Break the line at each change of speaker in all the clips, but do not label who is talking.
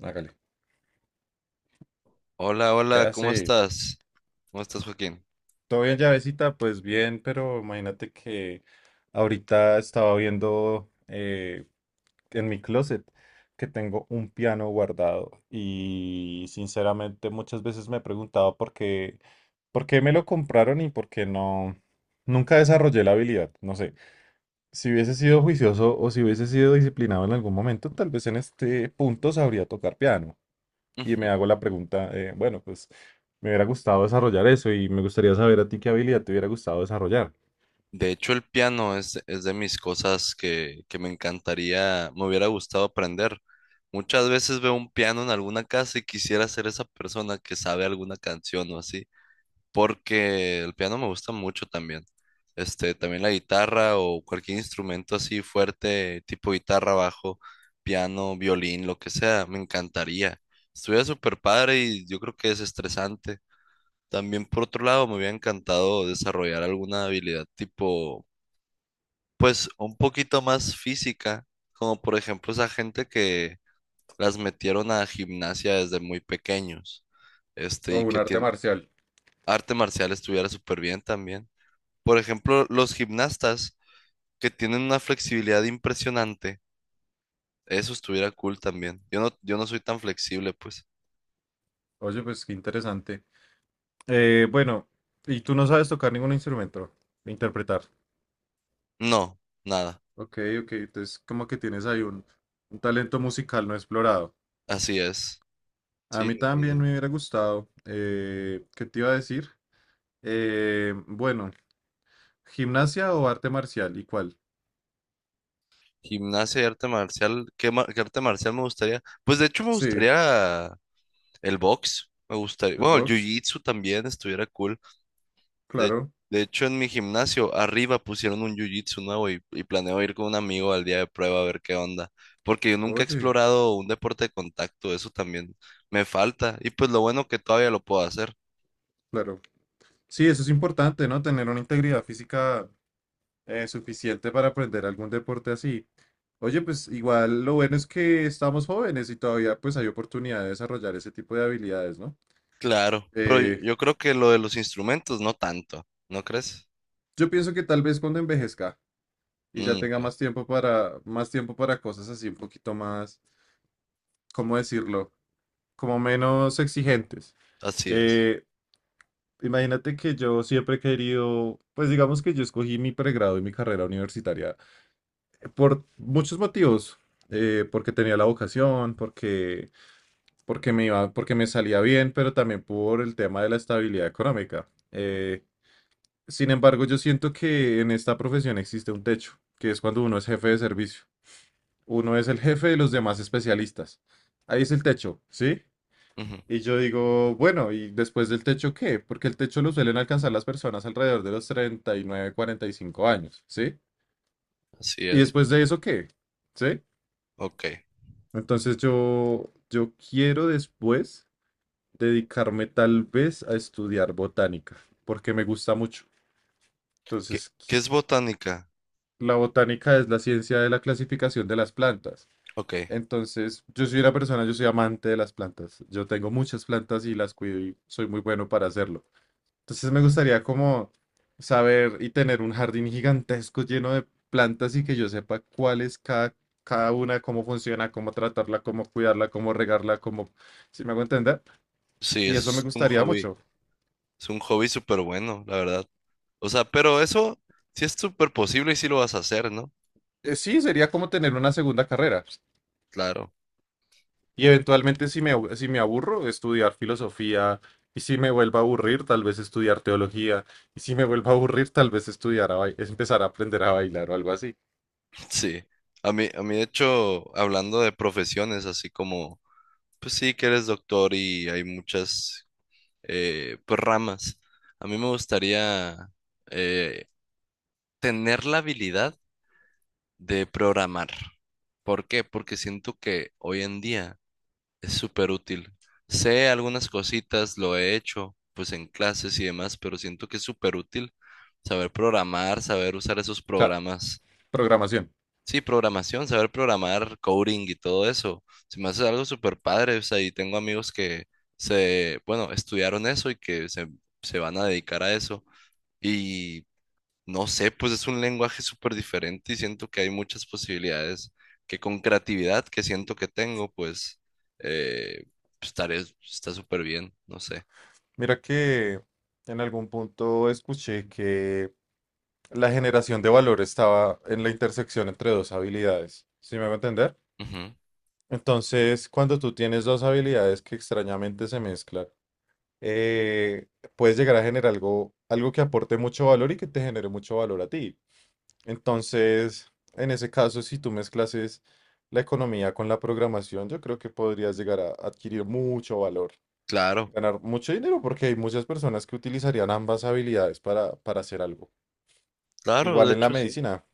Hágale.
Hola,
¿Qué
hola, ¿cómo
hace?
estás? ¿Cómo estás, Joaquín?
¿Todo bien, llavecita? Pues bien, pero imagínate que ahorita estaba viendo en mi closet que tengo un piano guardado y sinceramente muchas veces me he preguntado por qué me lo compraron y por qué no. Nunca desarrollé la habilidad, no sé. Si hubiese sido juicioso o si hubiese sido disciplinado en algún momento, tal vez en este punto sabría tocar piano. Y
Ujú.
me hago la pregunta, bueno, pues me hubiera gustado desarrollar eso y me gustaría saber a ti qué habilidad te hubiera gustado desarrollar.
De hecho, el piano es de mis cosas que me encantaría, me hubiera gustado aprender. Muchas veces veo un piano en alguna casa y quisiera ser esa persona que sabe alguna canción o así, porque el piano me gusta mucho también. Este, también la guitarra o cualquier instrumento así fuerte, tipo guitarra, bajo, piano, violín, lo que sea, me encantaría. Estuviera súper padre y yo creo que es estresante. También por otro lado, me hubiera encantado desarrollar alguna habilidad tipo, pues un poquito más física, como por ejemplo esa gente que las metieron a gimnasia desde muy pequeños, este,
O
y
un
que
arte
tiene
marcial.
arte marcial estuviera súper bien también. Por ejemplo, los gimnastas que tienen una flexibilidad impresionante, eso estuviera cool también. Yo no, yo no soy tan flexible, pues.
Oye, pues qué interesante. Bueno, y tú no sabes tocar ningún instrumento, interpretar.
No, nada.
Ok, ok, entonces como que tienes ahí un talento musical no explorado.
Así es.
A
Sí,
mí
ni
también
idea.
me hubiera gustado. ¿Qué te iba a decir? Bueno, ¿gimnasia o arte marcial? ¿Y cuál?
Gimnasia y arte marcial. ¿Qué arte marcial me gustaría? Pues de hecho me
Sí,
gustaría el box. Me gustaría.
el
Bueno, el
box,
jiu-jitsu también estuviera cool. De,
claro.
de hecho, en mi gimnasio arriba pusieron un jiu-jitsu nuevo y planeo ir con un amigo al día de prueba a ver qué onda. Porque yo nunca he
Oye,
explorado un deporte de contacto. Eso también me falta. Y pues lo bueno que todavía lo puedo hacer.
claro. Sí, eso es importante, ¿no? Tener una integridad física suficiente para aprender algún deporte así. Oye, pues igual lo bueno es que estamos jóvenes y todavía pues hay oportunidad de desarrollar ese tipo de habilidades, ¿no?
Claro. Pero yo
Eh,
yo creo que lo de los instrumentos no tanto. ¿No crees?
yo pienso que tal vez cuando envejezca y ya
Mm,
tenga
ok.
más tiempo para cosas así un poquito más ¿cómo decirlo? Como menos exigentes.
Así es.
Eh, imagínate que yo siempre he querido, pues digamos que yo escogí mi pregrado y mi carrera universitaria por muchos motivos. Porque tenía la vocación, porque, porque me iba, porque me salía bien, pero también por el tema de la estabilidad económica. Sin embargo, yo siento que en esta profesión existe un techo, que es cuando uno es jefe de servicio. Uno es el jefe de los demás especialistas. Ahí es el techo, ¿sí?
Ujú.
Y yo digo, bueno, ¿y después del techo qué? Porque el techo lo suelen alcanzar las personas alrededor de los 39, 45 años, ¿sí?
Así
¿Y
es.
después de eso qué? ¿Sí?
Ok.
Entonces yo quiero después dedicarme tal vez a estudiar botánica, porque me gusta mucho.
¿Qué,
Entonces,
qué es botánica?
la botánica es la ciencia de la clasificación de las plantas.
Ok,
Entonces, yo soy una persona, yo soy amante de las plantas. Yo tengo muchas plantas y las cuido y soy muy bueno para hacerlo. Entonces me gustaría como saber y tener un jardín gigantesco lleno de plantas y que yo sepa cuál es cada, cada una, cómo funciona, cómo tratarla, cómo cuidarla, cómo regarla, cómo, si me hago entender.
sí,
Y
eso
eso me
es un
gustaría
hobby.
mucho.
Es un hobby súper bueno, la verdad. O sea, pero eso sí es súper posible y sí lo vas a hacer, ¿no?
Sí, sería como tener una segunda carrera.
Claro,
Y eventualmente si me, si me aburro, estudiar filosofía. Y si me vuelvo a aburrir, tal vez estudiar teología. Y si me vuelvo a aburrir, tal vez estudiar a es empezar a aprender a bailar o algo así.
sí. De hecho, hablando de profesiones, así como, pues sí, que eres doctor y hay muchas pues, ramas. A mí me gustaría eh, tener la habilidad de programar. ¿Por qué? Porque siento que hoy en día es súper útil. Sé algunas cositas, lo he hecho pues en clases y demás, pero siento que es súper útil saber programar, saber usar esos
O sea,
programas.
programación.
Sí, programación, saber programar, coding y todo eso. Se me hace algo súper padre, o sea, y tengo amigos que se, bueno, estudiaron eso y que se van a dedicar a eso. Y no sé, pues es un lenguaje súper diferente y siento que hay muchas posibilidades que con creatividad que siento que tengo, pues eh, estaré, está súper bien, no sé.
Mira que en algún punto escuché que la generación de valor estaba en la intersección entre dos habilidades. ¿Sí me va a entender?
Ujú.
Entonces, cuando tú tienes dos habilidades que extrañamente se mezclan, eh, puedes llegar a generar algo, algo que aporte mucho valor y que te genere mucho valor a ti. Entonces, en ese caso, si tú mezclas es la economía con la programación, yo creo que podrías llegar a adquirir mucho valor.
Claro,
Ganar mucho dinero porque hay muchas personas que utilizarían ambas habilidades para hacer algo.
claro,
Igual
de
en la
hecho sí.
medicina.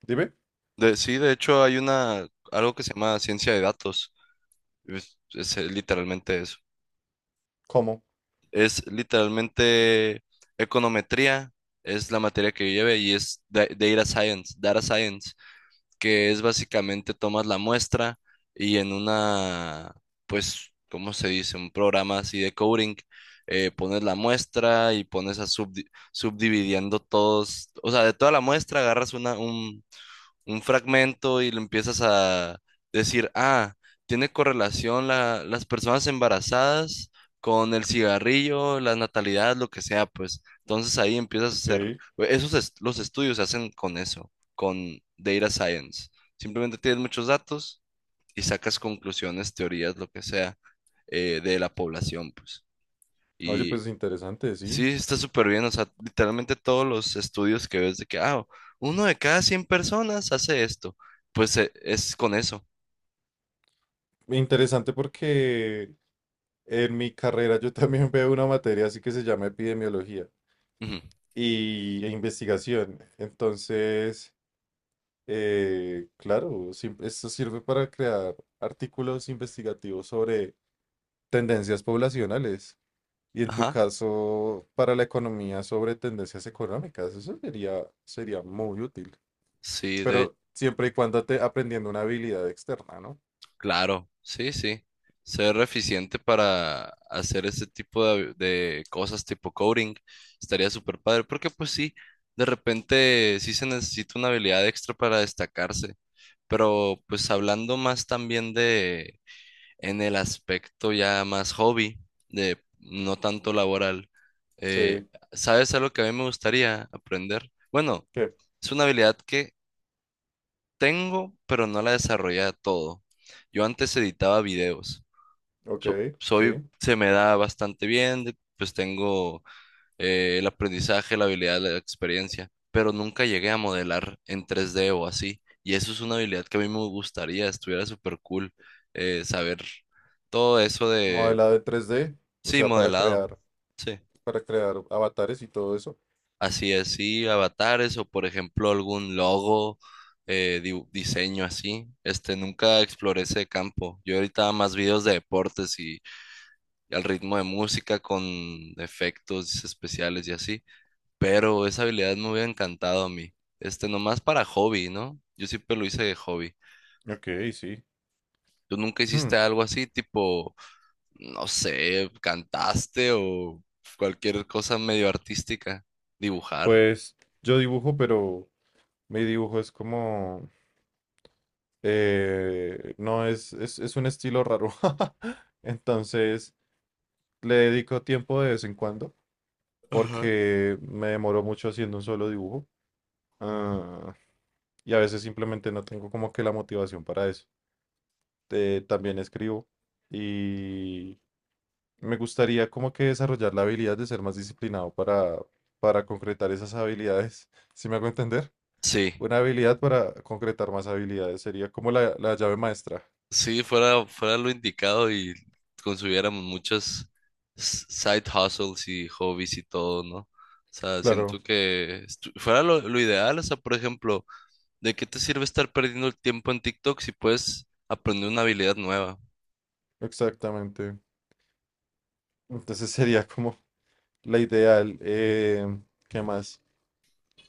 Dime,
Sí, de hecho hay algo que se llama ciencia de datos. Es literalmente eso.
¿cómo?
Es literalmente econometría, es la materia que yo llevé y es data science. Que es básicamente tomas la muestra y en una, pues, ¿cómo se dice? Un programa así de coding, pones la muestra y pones a subdividiendo todos, o sea, de toda la muestra agarras un fragmento y lo empiezas a decir, ah, tiene correlación las personas embarazadas con el cigarrillo, la natalidad, lo que sea, pues. Entonces ahí empiezas a
Ok.
hacer, e, esos est- los estudios se hacen con eso, con data science. Simplemente tienes muchos datos y sacas conclusiones, teorías, lo que sea, de la población, pues.
Oye,
Y
pues interesante, sí.
sí, está súper bien. O sea, literalmente todos los estudios que ves de que, ah, uno de cada 100 personas hace esto. Pues es con eso.
Interesante porque en mi carrera yo también veo una materia así que se llama epidemiología
Ujú.
y e investigación. Entonces, claro, esto sirve para crear artículos investigativos sobre tendencias poblacionales. Y en tu
Ajá.
caso, para la economía sobre tendencias económicas, eso sería, sería muy útil.
Sí,
Pero siempre y cuando te aprendiendo una habilidad externa, ¿no?
claro. Sí, sí. Ser eficiente para hacer ese tipo de cosas tipo coding estaría súper padre. Porque pues sí, de repente sí se necesita una habilidad extra para destacarse. Pero pues hablando más también en el aspecto ya más hobby, de no tanto laboral. Eh,
Sí,
¿Sabes algo que a mí me gustaría aprender? Bueno,
que,
es una habilidad que tengo, pero no la desarrollé a todo. Yo antes editaba videos.
ok,
Soy,
sí.
se me da bastante bien, de- pues tengo el aprendizaje, la habilidad, la experiencia, pero nunca llegué a modelar en 3D o así. Y eso es una habilidad que a mí me gustaría, estuviera súper cool saber todo eso de
Modelado de 3D, o
sí,
sea,
modelado. Sí.
para crear avatares y todo eso.
Así es, sí, avatares o por ejemplo algún logo, diseño así. Este, nunca exploré ese campo. Yo ahorita hago más videos de deportes y al ritmo de música con efectos especiales y así. Pero esa habilidad me hubiera encantado a mí. Este, nomás para hobby, ¿no? Yo siempre lo hice de hobby.
Ok, sí.
¿Tú nunca
Hmm,
hiciste algo así, tipo, no sé, cantaste o cualquier cosa medio artística? Dibujar.
pues yo dibujo, pero mi dibujo es como, no es, es un estilo raro. Entonces, le dedico tiempo de vez en cuando porque me demoro mucho haciendo un solo dibujo. ah, y a veces simplemente no tengo como que la motivación para eso. También escribo y me gustaría como que desarrollar la habilidad de ser más disciplinado para concretar esas habilidades. ¿Sí me hago entender?
Sí,
Una habilidad para concretar más habilidades sería como la llave maestra.
sí, fuera lo indicado y consumiéramos muchas side hustles y hobbies y todo, ¿no? O sea,
Claro,
siento que fuera lo ideal, o sea, por ejemplo, ¿de qué te sirve estar perdiendo el tiempo en TikTok si puedes aprender una habilidad nueva?
exactamente. Entonces sería como la ideal. ¿Qué más?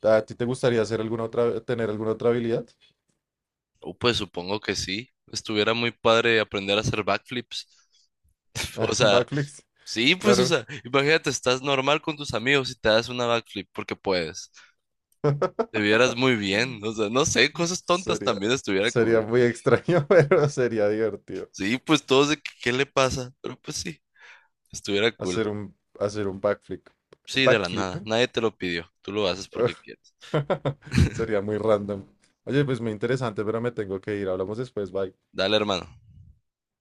¿A ti te gustaría hacer alguna otra, tener alguna otra habilidad?
O pues supongo que sí, estuviera muy padre aprender a hacer backflips. O
Ah,
sea,
backflips,
sí, pues, o
claro.
sea, imagínate, estás normal con tus amigos y te das una backflip porque puedes. Te vieras muy bien, o sea, no sé, cosas tontas
Sería,
también estuviera
sería
cool.
muy extraño, pero sería divertido
Sí, pues todos de que, ¿qué le pasa? Pero pues sí, estuviera cool.
hacer un backflip.
Sí, de la
Backflip,
nada,
¿eh?
nadie te lo pidió, tú lo haces porque quieres.
Sería muy random. Oye, pues muy interesante, pero me tengo que ir. Hablamos después, bye.
Dale, hermano.